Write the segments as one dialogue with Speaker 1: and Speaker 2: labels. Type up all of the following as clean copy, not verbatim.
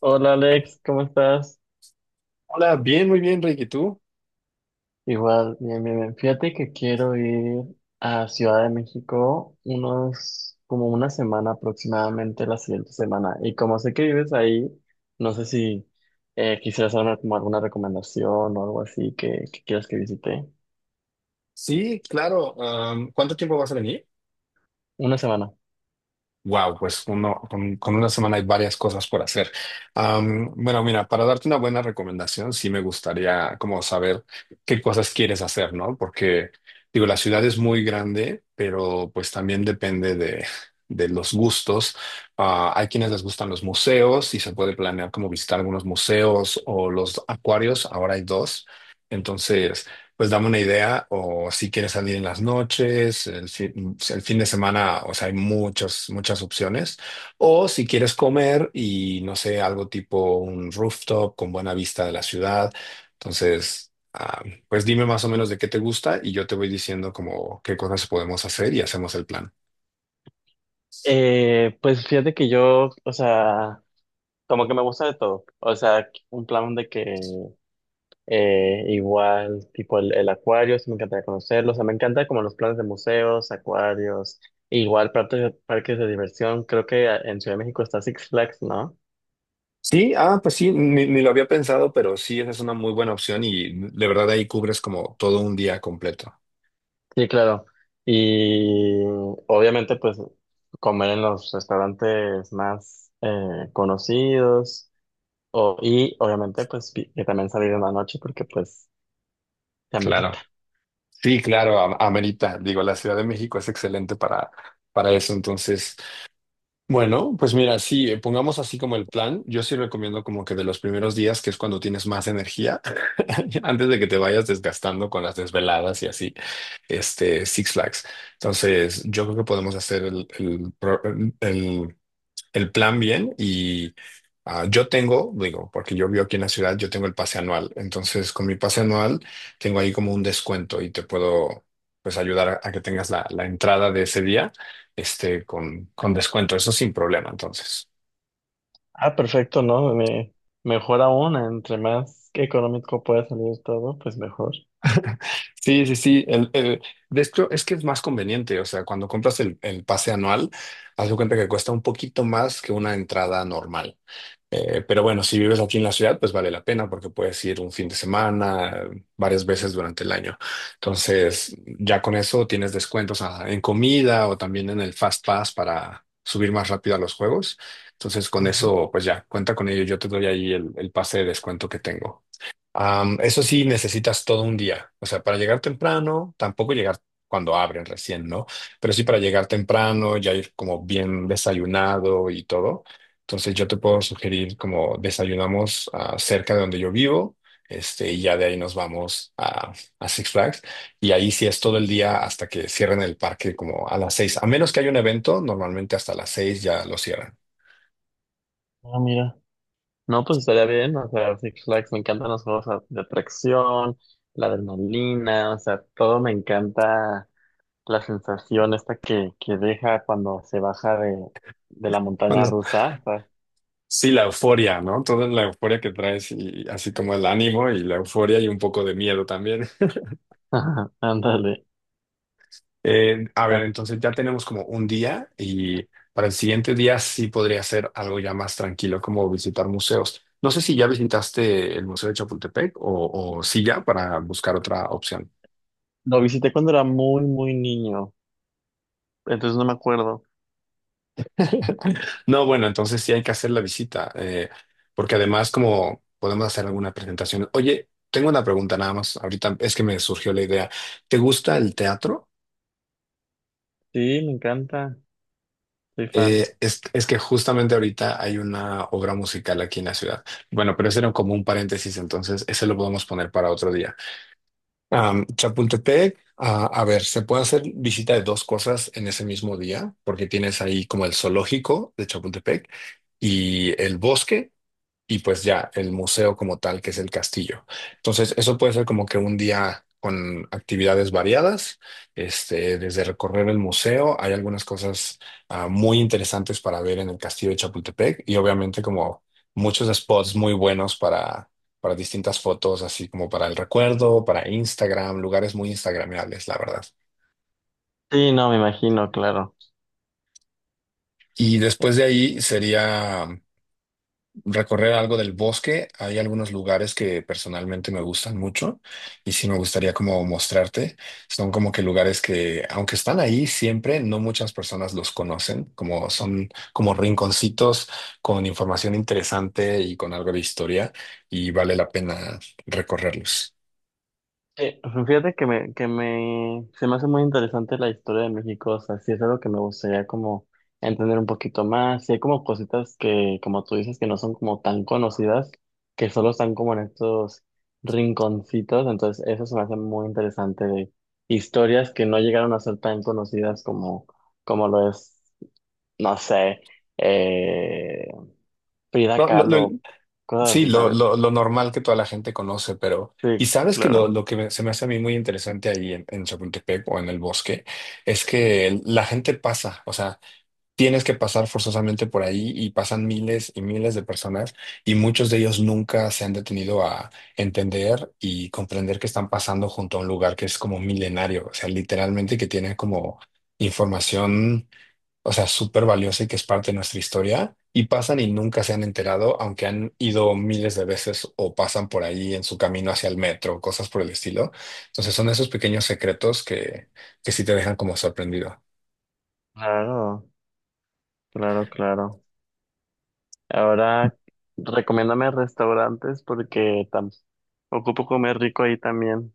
Speaker 1: Hola Alex, ¿cómo estás?
Speaker 2: Hola, bien, muy bien, Ricky. ¿Tú?
Speaker 1: Igual, bien, bien, bien. Fíjate que quiero ir a Ciudad de México unos, como una semana aproximadamente la siguiente semana. Y como sé que vives ahí, no sé si quisieras darme como alguna recomendación o algo así que quieras que visite.
Speaker 2: Sí, claro. ¿Cuánto tiempo vas a venir?
Speaker 1: Una semana.
Speaker 2: Wow, pues uno, con una semana hay varias cosas por hacer. Bueno, mira, para darte una buena recomendación, sí me gustaría como saber qué cosas quieres hacer, ¿no? Porque, digo, la ciudad es muy grande, pero pues también depende de los gustos. Ah, hay quienes les gustan los museos y se puede planear como visitar algunos museos o los acuarios. Ahora hay dos. Entonces. Pues dame una idea, o si quieres salir en las noches, el fin de semana, o sea, hay muchas, muchas opciones. O si quieres comer y, no sé, algo tipo un rooftop con buena vista de la ciudad. Entonces, pues dime más o menos de qué te gusta y yo te voy diciendo como qué cosas podemos hacer y hacemos el plan.
Speaker 1: Pues fíjate que yo, o sea, como que me gusta de todo. O sea, un plan de que igual, tipo el acuario, sí me encantaría conocerlo. O sea, me encanta como los planes de museos, acuarios, igual partes, parques de diversión. Creo que en Ciudad de México está Six Flags, ¿no?
Speaker 2: Sí, pues sí, ni lo había pensado, pero sí, esa es una muy buena opción y de verdad ahí cubres como todo un día completo.
Speaker 1: Sí, claro. Y obviamente, pues, comer en los restaurantes más conocidos. O, y obviamente, pues, que también salir en la noche porque, pues, se
Speaker 2: Claro.
Speaker 1: amerita.
Speaker 2: Sí, claro, amerita. Digo, la Ciudad de México es excelente para eso. Entonces, bueno, pues mira, sí, pongamos así como el plan. Yo sí recomiendo como que de los primeros días, que es cuando tienes más energía, antes de que te vayas desgastando con las desveladas y así, Six Flags. Entonces, yo creo que podemos hacer el, el plan bien y yo tengo, digo, porque yo vivo aquí en la ciudad, yo tengo el pase anual. Entonces, con mi pase anual tengo ahí como un descuento y te puedo pues ayudar a que tengas la entrada de ese día con descuento. Eso sin problema, entonces.
Speaker 1: Ah, perfecto, ¿no? Me, mejor aún, entre más económico pueda salir todo, pues mejor.
Speaker 2: Sí, sí, sí. De hecho, es que es más conveniente. O sea, cuando compras el pase anual, haz de cuenta que cuesta un poquito más que una entrada normal. Pero bueno, si vives aquí en la ciudad, pues vale la pena porque puedes ir un fin de semana, varias veces durante el año. Entonces, ya con eso tienes descuentos en comida o también en el Fast Pass para subir más rápido a los juegos. Entonces, con
Speaker 1: Ujú.
Speaker 2: eso, pues ya, cuenta con ello. Yo te doy ahí el pase de descuento que tengo. Eso sí, necesitas todo un día. O sea, para llegar temprano, tampoco llegar cuando abren recién, ¿no? Pero sí para llegar temprano, ya ir como bien desayunado y todo. Entonces yo te puedo sugerir como desayunamos cerca de donde yo vivo, y ya de ahí nos vamos a Six Flags. Y ahí sí es todo el día hasta que cierren el parque como a las 6. A menos que haya un evento, normalmente hasta las 6 ya lo cierran.
Speaker 1: Ah, mira. No, pues estaría bien. O sea, Six Flags, me encantan los juegos de atracción, la adrenalina, o sea, todo me encanta la sensación esta que deja cuando se baja de la montaña rusa. O sea,
Speaker 2: Sí, la euforia, ¿no? Toda la euforia que traes y así como el ánimo y la euforia y un poco de miedo también.
Speaker 1: ándale.
Speaker 2: A ver,
Speaker 1: Ah,
Speaker 2: entonces ya tenemos como un día y para el siguiente día sí podría ser algo ya más tranquilo, como visitar museos. No sé si ya visitaste el Museo de Chapultepec o sí ya para buscar otra opción.
Speaker 1: lo visité cuando era muy, muy niño, entonces no me acuerdo.
Speaker 2: No, bueno, entonces sí hay que hacer la visita, porque además como podemos hacer alguna presentación. Oye, tengo una pregunta nada más, ahorita es que me surgió la idea. ¿Te gusta el teatro?
Speaker 1: Sí, me encanta, soy fan.
Speaker 2: Es que justamente ahorita hay una obra musical aquí en la ciudad. Bueno, pero ese era como un paréntesis, entonces ese lo podemos poner para otro día. Chapultepec, a ver, se puede hacer visita de dos cosas en ese mismo día, porque tienes ahí como el zoológico de Chapultepec y el bosque, y pues ya el museo como tal, que es el castillo. Entonces, eso puede ser como que un día con actividades variadas, desde recorrer el museo, hay algunas cosas muy interesantes para ver en el castillo de Chapultepec y obviamente como muchos spots muy buenos para distintas fotos, así como para el recuerdo, para Instagram, lugares muy instagramables, la verdad.
Speaker 1: Sí, no, me imagino, claro.
Speaker 2: Y después de ahí sería recorrer algo del bosque. Hay algunos lugares que personalmente me gustan mucho y sí me gustaría como mostrarte. Son como que lugares que, aunque están ahí siempre, no muchas personas los conocen, como son como rinconcitos con información interesante y con algo de historia y vale la pena recorrerlos.
Speaker 1: Eh, Fíjate que me, se me hace muy interesante la historia de México, o sea, sí es algo que me gustaría como entender un poquito más, sí hay como cositas que, como tú dices, que no son como tan conocidas, que solo están como en estos rinconcitos, entonces eso se me hace muy interesante de historias que no llegaron a ser tan conocidas como, como lo es, no sé, eh, Frida
Speaker 2: No,
Speaker 1: Kahlo,
Speaker 2: lo-
Speaker 1: cosas
Speaker 2: Sí,
Speaker 1: así,
Speaker 2: lo,
Speaker 1: ¿sabes?
Speaker 2: lo, lo normal que toda la gente conoce, pero. Y
Speaker 1: Sí,
Speaker 2: sabes que
Speaker 1: claro,
Speaker 2: se me hace a mí muy interesante ahí en Chapultepec o en el bosque es que la gente pasa, o sea, tienes que pasar forzosamente por ahí y pasan miles y miles de personas y muchos de ellos nunca se han detenido a entender y comprender que están pasando junto a un lugar que es como milenario, o sea, literalmente que tiene como información, o sea, súper valiosa y que es parte de nuestra historia, y pasan y nunca se han enterado, aunque han ido miles de veces o pasan por ahí en su camino hacia el metro, cosas por el estilo. Entonces son esos pequeños secretos que sí te dejan como sorprendido.
Speaker 1: claro, claro, claro. Ahora, recomiéndame restaurantes porque ocupo comer rico ahí también.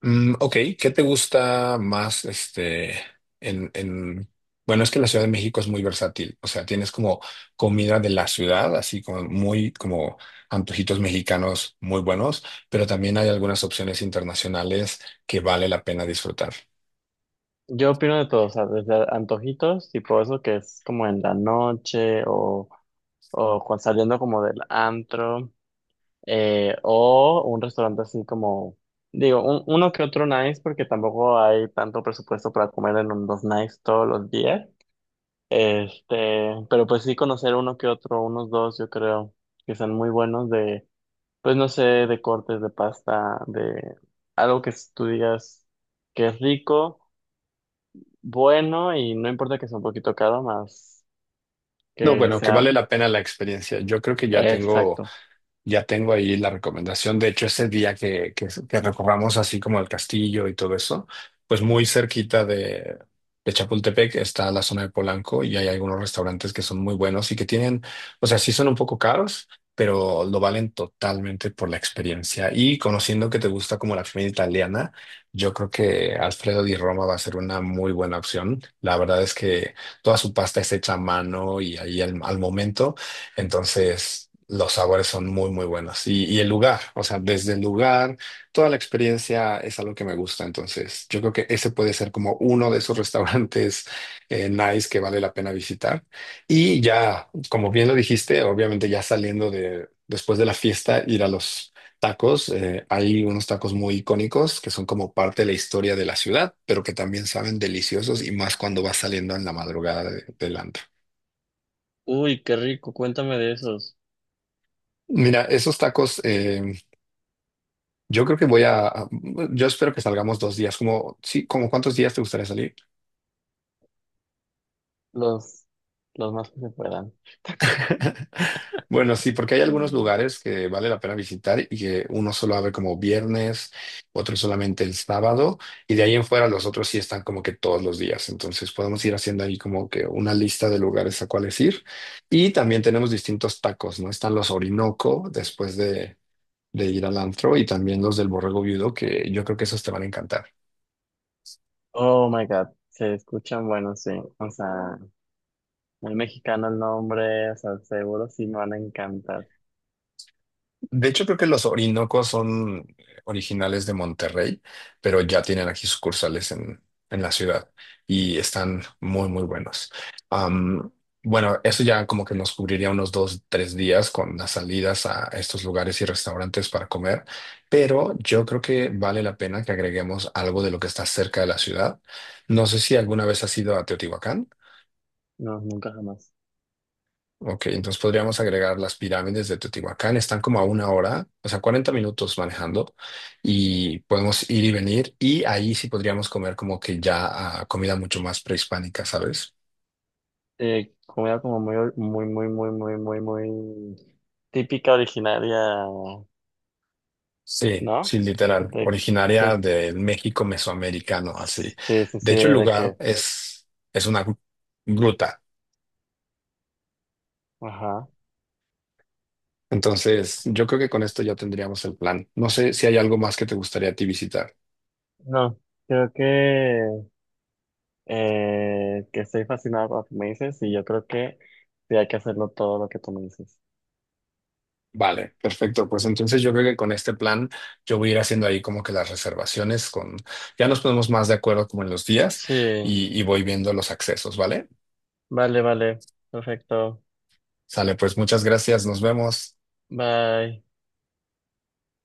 Speaker 2: Ok, ¿qué te gusta más, en, en, bueno, es que la Ciudad de México es muy versátil, o sea, tienes como comida de la ciudad, así como muy, como antojitos mexicanos muy buenos, pero también hay algunas opciones internacionales que vale la pena disfrutar.
Speaker 1: Yo opino de todo, o sea, desde antojitos, tipo eso que es como en la noche o cuando saliendo como del antro, o un restaurante así como, digo, uno que otro nice porque tampoco hay tanto presupuesto para comer en los nice todos los días. Este, pero pues sí conocer uno que otro, unos dos, yo creo que son muy buenos. Pues no sé, de cortes de pasta, de algo que tú digas que es rico, bueno y no importa que sea un poquito caro, más
Speaker 2: No,
Speaker 1: que
Speaker 2: bueno, que
Speaker 1: sea
Speaker 2: vale la pena la experiencia. Yo creo que ya tengo
Speaker 1: exacto.
Speaker 2: Ya tengo ahí la recomendación. De hecho, ese día que recorramos así como el castillo y todo eso, pues muy cerquita de Chapultepec está la zona de Polanco y hay algunos restaurantes que son muy buenos y que tienen, o sea, sí son un poco caros, pero lo valen totalmente por la experiencia. Y conociendo que te gusta como la comida italiana, yo creo que Alfredo di Roma va a ser una muy buena opción. La verdad es que toda su pasta es hecha a mano y ahí al momento. Entonces, los sabores son muy, muy buenos. Y el lugar, o sea, desde el lugar, toda la experiencia es algo que me gusta. Entonces, yo creo que ese puede ser como uno de esos restaurantes nice que vale la pena visitar. Y ya, como bien lo dijiste, obviamente ya saliendo de, después de la fiesta, ir a los tacos. Hay unos tacos muy icónicos que son como parte de la historia de la ciudad, pero que también saben deliciosos y más cuando vas saliendo en la madrugada del antro.
Speaker 1: Uy, qué rico, cuéntame de esos,
Speaker 2: Mira, esos tacos yo creo que yo espero que salgamos 2 días, como, sí, como cuántos días te gustaría salir.
Speaker 1: los, los más que se puedan.
Speaker 2: Bueno, sí, porque hay algunos
Speaker 1: Mm.
Speaker 2: lugares que vale la pena visitar y que uno solo abre como viernes, otro solamente el sábado, y de ahí en fuera los otros sí están como que todos los días. Entonces podemos ir haciendo ahí como que una lista de lugares a cuáles ir. Y también tenemos distintos tacos, ¿no? Están los Orinoco después de ir al antro y también los del Borrego Viudo, que yo creo que esos te van a encantar.
Speaker 1: Oh my God, se escuchan buenos, sí. O sea, muy mexicano el nombre, o sea, seguro sí me van a encantar.
Speaker 2: De hecho, creo que los Orinocos son originales de Monterrey, pero ya tienen aquí sucursales en la ciudad y están muy, muy buenos. Am, bueno, eso ya como que nos cubriría unos dos, tres días con las salidas a estos lugares y restaurantes para comer, pero yo creo que vale la pena que agreguemos algo de lo que está cerca de la ciudad. No sé si alguna vez has ido a Teotihuacán.
Speaker 1: No, nunca jamás.
Speaker 2: Ok, entonces podríamos agregar las pirámides de Teotihuacán. Están como a una hora, o sea, 40 minutos manejando y podemos ir y venir. Y ahí sí podríamos comer como que ya comida mucho más prehispánica, ¿sabes?
Speaker 1: Comida como muy, muy, muy, muy, muy, muy, muy típica, originaria.
Speaker 2: Sí,
Speaker 1: ¿No?
Speaker 2: sí, literal.
Speaker 1: De,
Speaker 2: Originaria
Speaker 1: de,
Speaker 2: del México mesoamericano, así.
Speaker 1: sí, sí,
Speaker 2: De
Speaker 1: sí,
Speaker 2: hecho, el
Speaker 1: de
Speaker 2: lugar
Speaker 1: que,
Speaker 2: es una gruta.
Speaker 1: ajá.
Speaker 2: Entonces, yo creo que con esto ya tendríamos el plan. No sé si hay algo más que te gustaría a ti visitar.
Speaker 1: No, creo que estoy fascinado por lo que me dices y yo creo que sí hay que hacerlo todo lo que tú me dices.
Speaker 2: Vale, perfecto. Pues entonces yo creo que con este plan yo voy a ir haciendo ahí como que las reservaciones con, ya nos ponemos más de acuerdo como en los días
Speaker 1: Sí,
Speaker 2: y voy viendo los accesos, ¿vale?
Speaker 1: vale, vale, perfecto.
Speaker 2: Sale, pues muchas gracias, nos vemos.
Speaker 1: Bye.